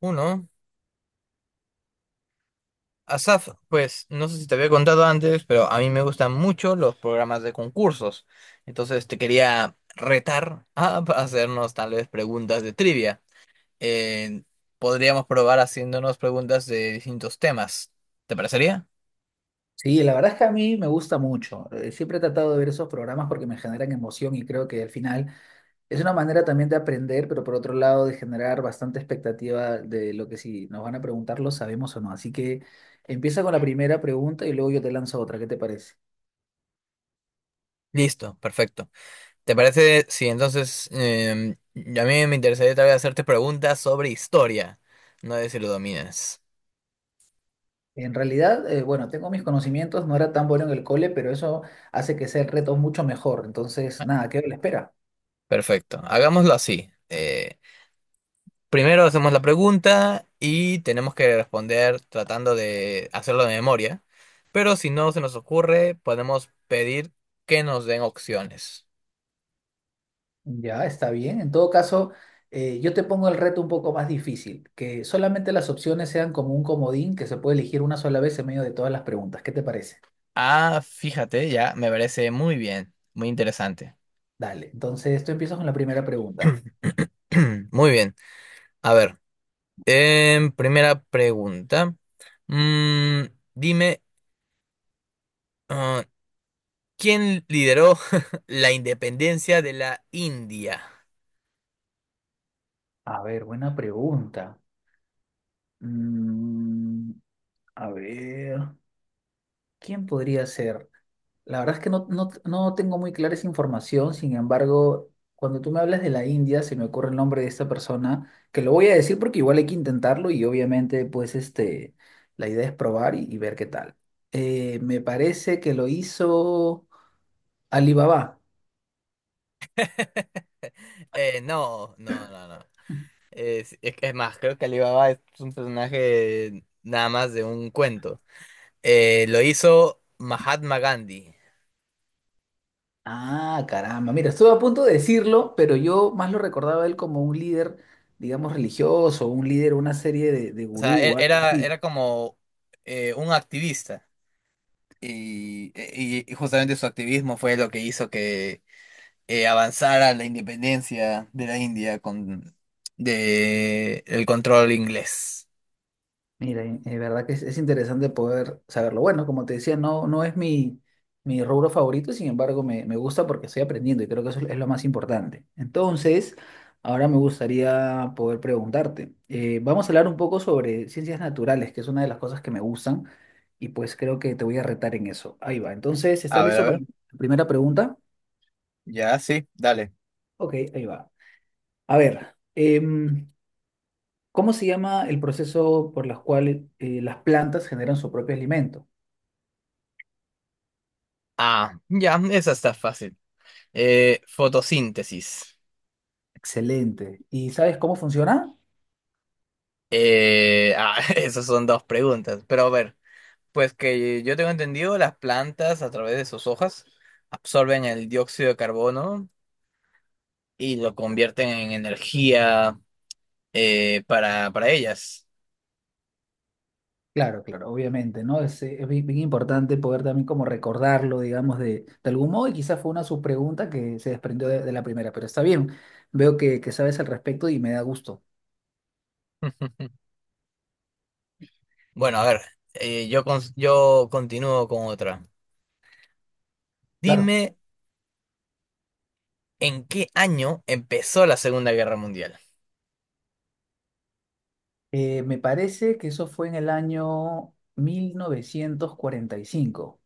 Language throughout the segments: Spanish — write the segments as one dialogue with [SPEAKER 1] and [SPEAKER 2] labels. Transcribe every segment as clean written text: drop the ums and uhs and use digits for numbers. [SPEAKER 1] Uno, Asaf, pues no sé si te había contado antes, pero a mí me gustan mucho los programas de concursos. Entonces te quería retar a hacernos tal vez preguntas de trivia. Eh, Podríamos probar haciéndonos preguntas de distintos temas. ¿Te parecería?
[SPEAKER 2] Sí, la verdad es que a mí me gusta mucho. Siempre he tratado de ver esos programas porque me generan emoción y creo que al final es una manera también de aprender, pero por otro lado de generar bastante expectativa de lo que si nos van a preguntar lo sabemos o no. Así que empieza con la primera pregunta y luego yo te lanzo otra. ¿Qué te parece?
[SPEAKER 1] Listo, perfecto. ¿Te parece? Sí, entonces a mí me interesaría tal vez hacerte preguntas sobre historia. No sé si lo dominas.
[SPEAKER 2] En realidad, bueno, tengo mis conocimientos, no era tan bueno en el cole, pero eso hace que sea el reto mucho mejor. Entonces, nada, quedo a la espera.
[SPEAKER 1] Perfecto, hagámoslo así. Primero hacemos la pregunta y tenemos que responder tratando de hacerlo de memoria, pero si no se nos ocurre, podemos pedir que nos den opciones.
[SPEAKER 2] Ya, está bien. En todo caso, yo te pongo el reto un poco más difícil, que solamente las opciones sean como un comodín que se puede elegir una sola vez en medio de todas las preguntas. ¿Qué te parece?
[SPEAKER 1] Ah, fíjate, ya me parece muy bien, muy interesante.
[SPEAKER 2] Dale, entonces tú empiezas con la primera pregunta.
[SPEAKER 1] Muy bien, a ver, primera pregunta. Mm, dime, ah, ¿quién lideró la independencia de la India?
[SPEAKER 2] A ver, buena pregunta. Mm, a ver. ¿Quién podría ser? La verdad es que no, no, no tengo muy clara esa información, sin embargo, cuando tú me hablas de la India, se me ocurre el nombre de esta persona, que lo voy a decir porque igual hay que intentarlo y obviamente pues este, la idea es probar y ver qué tal. Me parece que lo hizo Alibaba.
[SPEAKER 1] No, no, no, no. Es que es más, creo que Alibaba es un personaje nada más de un cuento. Lo hizo Mahatma Gandhi.
[SPEAKER 2] Ah, caramba, mira, estuve a punto de decirlo, pero yo más lo recordaba a él como un líder, digamos, religioso, un líder, una serie de
[SPEAKER 1] O sea,
[SPEAKER 2] gurú o algo
[SPEAKER 1] era,
[SPEAKER 2] así.
[SPEAKER 1] era como un activista. Y justamente su activismo fue lo que hizo que avanzara la independencia de la India con de el control inglés.
[SPEAKER 2] Mira, es verdad que es interesante poder saberlo. Bueno, como te decía, no, no es mi, mi rubro favorito, sin embargo, me gusta porque estoy aprendiendo y creo que eso es lo más importante. Entonces, ahora me gustaría poder preguntarte. Vamos a hablar un poco sobre ciencias naturales, que es una de las cosas que me gustan, y pues creo que te voy a retar en eso. Ahí va. Entonces,
[SPEAKER 1] A
[SPEAKER 2] ¿estás
[SPEAKER 1] ver, a
[SPEAKER 2] listo para
[SPEAKER 1] ver.
[SPEAKER 2] la primera pregunta?
[SPEAKER 1] Ya, sí, dale.
[SPEAKER 2] Ok, ahí va. A ver, ¿cómo se llama el proceso por el cual las plantas generan su propio alimento?
[SPEAKER 1] Ah, ya, esa está fácil. Fotosíntesis.
[SPEAKER 2] Excelente. ¿Y sabes cómo funciona?
[SPEAKER 1] Esas son dos preguntas. Pero a ver, pues que yo tengo entendido, las plantas a través de sus hojas absorben el dióxido de carbono y lo convierten en energía para ellas.
[SPEAKER 2] Claro, claro, obviamente, ¿no? Es bien, bien importante poder también como recordarlo, digamos, de algún modo, y quizás fue una subpregunta que se desprendió de la primera, pero está bien, veo que sabes al respecto y me da gusto.
[SPEAKER 1] Bueno, a ver, yo continúo con otra.
[SPEAKER 2] Claro.
[SPEAKER 1] Dime, ¿en qué año empezó la Segunda Guerra Mundial?
[SPEAKER 2] Me parece que eso fue en el año 1945.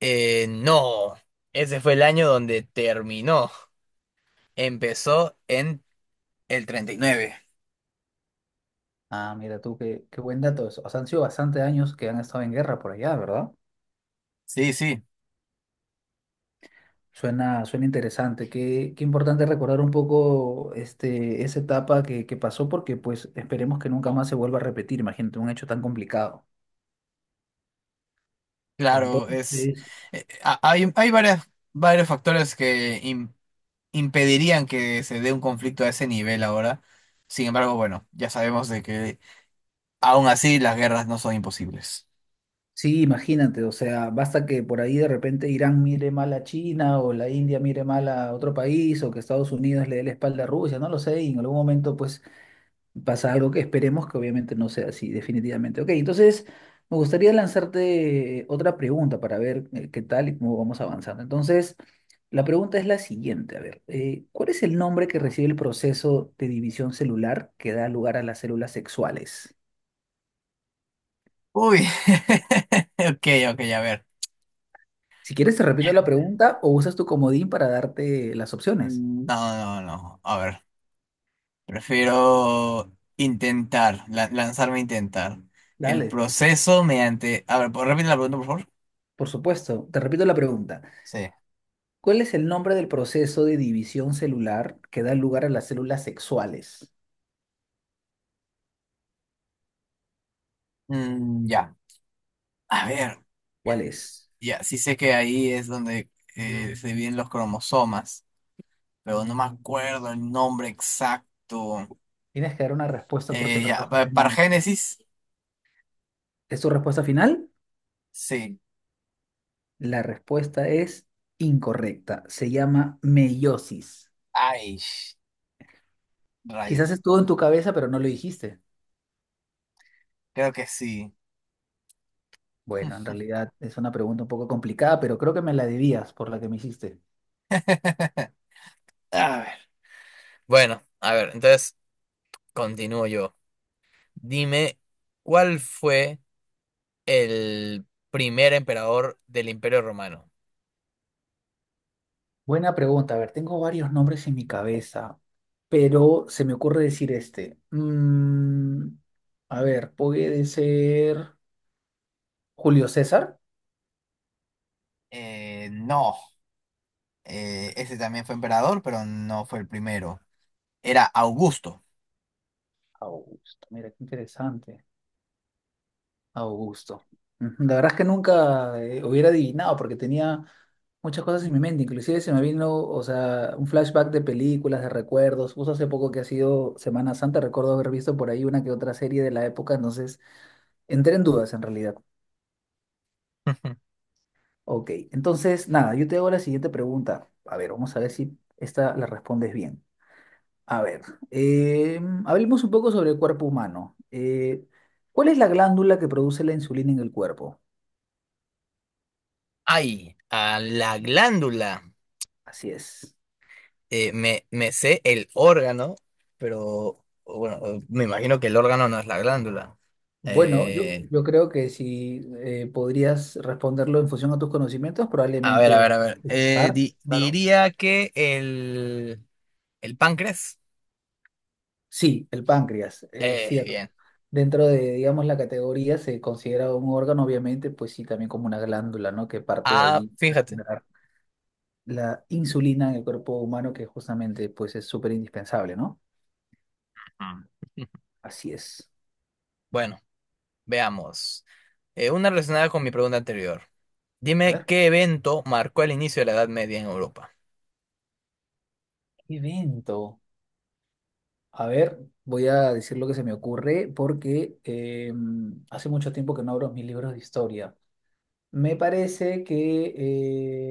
[SPEAKER 1] No, ese fue el año donde terminó. Empezó en el 39.
[SPEAKER 2] Ah, mira tú, qué buen dato eso. O sea, han sido bastantes años que han estado en guerra por allá, ¿verdad?
[SPEAKER 1] Sí, sí.
[SPEAKER 2] Suena, suena interesante. Qué importante recordar un poco este, esa etapa que pasó porque pues esperemos que nunca más se vuelva a repetir, imagínate, un hecho tan complicado.
[SPEAKER 1] Claro, es
[SPEAKER 2] Entonces,
[SPEAKER 1] hay varios factores que impedirían que se dé un conflicto a ese nivel ahora. Sin embargo, bueno, ya sabemos de que aún así las guerras no son imposibles.
[SPEAKER 2] sí, imagínate, o sea, basta que por ahí de repente Irán mire mal a China o la India mire mal a otro país o que Estados Unidos le dé la espalda a Rusia, no lo sé, y en algún momento pues pasa algo que esperemos que obviamente no sea así, definitivamente. Ok, entonces me gustaría lanzarte otra pregunta para ver qué tal y cómo vamos avanzando. Entonces, la pregunta es la siguiente, a ver, ¿cuál es el nombre que recibe el proceso de división celular que da lugar a las células sexuales?
[SPEAKER 1] Uy, ok, ok, a ver.
[SPEAKER 2] Si quieres, te repito la pregunta o usas tu comodín para darte las opciones.
[SPEAKER 1] Mm, no, no, no, a ver. Prefiero lanzarme a intentar. El
[SPEAKER 2] Dale,
[SPEAKER 1] proceso mediante... A ver, ¿puedo repetir la pregunta, por favor?
[SPEAKER 2] por supuesto, te repito la pregunta.
[SPEAKER 1] Sí.
[SPEAKER 2] ¿Cuál es el nombre del proceso de división celular que da lugar a las células sexuales?
[SPEAKER 1] Mm, ya. A ver.
[SPEAKER 2] ¿Cuál es?
[SPEAKER 1] Ya, sí sé que ahí es donde se dividen los cromosomas, pero no me acuerdo el nombre exacto.
[SPEAKER 2] Tienes que dar una respuesta porque el reloj está en
[SPEAKER 1] Para
[SPEAKER 2] mano.
[SPEAKER 1] Génesis,
[SPEAKER 2] ¿Es tu respuesta final?
[SPEAKER 1] sí.
[SPEAKER 2] La respuesta es incorrecta. Se llama meiosis.
[SPEAKER 1] Ay,
[SPEAKER 2] Quizás
[SPEAKER 1] rayos.
[SPEAKER 2] estuvo en tu cabeza, pero no lo dijiste.
[SPEAKER 1] Creo que sí.
[SPEAKER 2] Bueno, en realidad es una pregunta un poco complicada, pero creo que me la debías por la que me hiciste.
[SPEAKER 1] A ver. Bueno, a ver, entonces continúo yo. Dime, ¿cuál fue el primer emperador del Imperio Romano?
[SPEAKER 2] Buena pregunta. A ver, tengo varios nombres en mi cabeza, pero se me ocurre decir este. A ver, puede ser Julio César.
[SPEAKER 1] No, ese también fue emperador, pero no fue el primero. Era Augusto.
[SPEAKER 2] Augusto, mira, qué interesante. Augusto. Ujú, la verdad es que nunca hubiera adivinado porque tenía muchas cosas en mi mente. Inclusive se me vino, o sea, un flashback de películas, de recuerdos. Justo hace poco que ha sido Semana Santa, recuerdo haber visto por ahí una que otra serie de la época. Entonces, entré en dudas en realidad. Ok, entonces, nada, yo te hago la siguiente pregunta. A ver, vamos a ver si esta la respondes bien. A ver, hablemos un poco sobre el cuerpo humano. ¿Cuál es la glándula que produce la insulina en el cuerpo?
[SPEAKER 1] Ay, a la glándula.
[SPEAKER 2] Así es.
[SPEAKER 1] Me sé el órgano, pero bueno, me imagino que el órgano no es la glándula.
[SPEAKER 2] Bueno, yo,
[SPEAKER 1] Eh,
[SPEAKER 2] yo creo que si podrías responderlo en función a tus conocimientos, probablemente
[SPEAKER 1] a ver.
[SPEAKER 2] estar, claro.
[SPEAKER 1] Diría que el páncreas.
[SPEAKER 2] Sí, el páncreas, es cierto.
[SPEAKER 1] Bien.
[SPEAKER 2] Dentro de, digamos, la categoría se considera un órgano, obviamente, pues sí, también como una glándula, ¿no? Que parte de
[SPEAKER 1] Ah,
[SPEAKER 2] ahí para
[SPEAKER 1] fíjate.
[SPEAKER 2] generar la insulina en el cuerpo humano, que justamente, pues es súper indispensable, ¿no?
[SPEAKER 1] Mm.
[SPEAKER 2] Así es.
[SPEAKER 1] Bueno, veamos. Una relacionada con mi pregunta anterior.
[SPEAKER 2] A
[SPEAKER 1] Dime
[SPEAKER 2] ver,
[SPEAKER 1] qué evento marcó el inicio de la Edad Media en Europa.
[SPEAKER 2] ¿qué evento? A ver, voy a decir lo que se me ocurre porque hace mucho tiempo que no abro mis libros de historia. Me parece que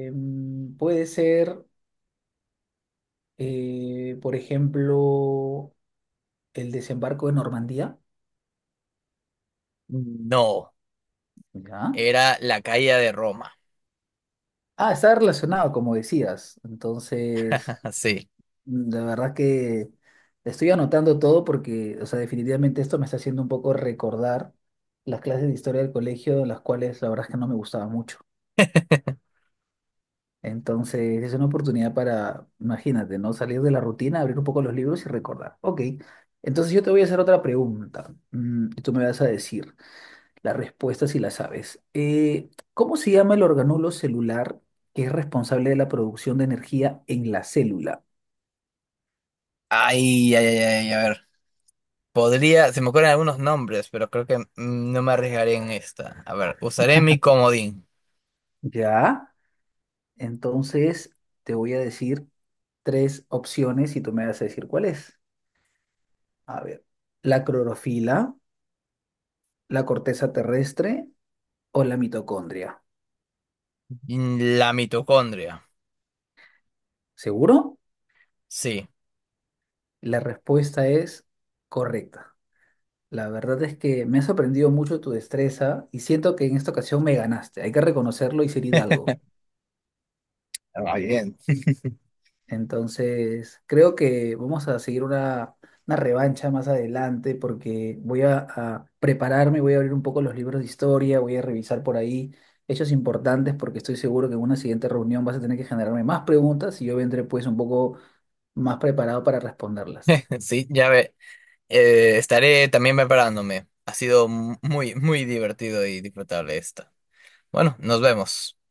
[SPEAKER 2] eh, puede ser, por ejemplo, el desembarco de Normandía.
[SPEAKER 1] No,
[SPEAKER 2] ¿Ya?
[SPEAKER 1] era la caída de Roma.
[SPEAKER 2] Ah, está relacionado, como decías. Entonces,
[SPEAKER 1] Sí.
[SPEAKER 2] la verdad que estoy anotando todo porque, o sea, definitivamente esto me está haciendo un poco recordar las clases de historia del colegio, las cuales la verdad es que no me gustaban mucho. Entonces es una oportunidad para, imagínate, ¿no? Salir de la rutina, abrir un poco los libros y recordar. Ok, entonces yo te voy a hacer otra pregunta y tú me vas a decir la respuesta si la sabes. ¿Cómo se llama el organulo celular que es responsable de la producción de energía en la célula?
[SPEAKER 1] Ay, ay, ay, ay, a ver. Podría, se me ocurren algunos nombres, pero creo que no me arriesgaré en esta. A ver, usaré mi comodín.
[SPEAKER 2] ¿Ya? Entonces te voy a decir tres opciones y tú me vas a decir cuál es. A ver, la clorofila, la corteza terrestre o la mitocondria.
[SPEAKER 1] Mm, la mitocondria.
[SPEAKER 2] ¿Seguro?
[SPEAKER 1] Sí.
[SPEAKER 2] La respuesta es correcta. La verdad es que me ha sorprendido mucho tu destreza y siento que en esta ocasión me ganaste. Hay que reconocerlo y ser hidalgo.
[SPEAKER 1] Ah, bien.
[SPEAKER 2] Entonces, creo que vamos a seguir una revancha más adelante porque voy a prepararme, voy a abrir un poco los libros de historia, voy a revisar por ahí hechos importantes porque estoy seguro que en una siguiente reunión vas a tener que generarme más preguntas y yo vendré pues un poco más preparado para responderlas.
[SPEAKER 1] Sí, ya ve. Estaré también preparándome. Ha sido muy, muy divertido y disfrutable esta. Bueno, nos vemos.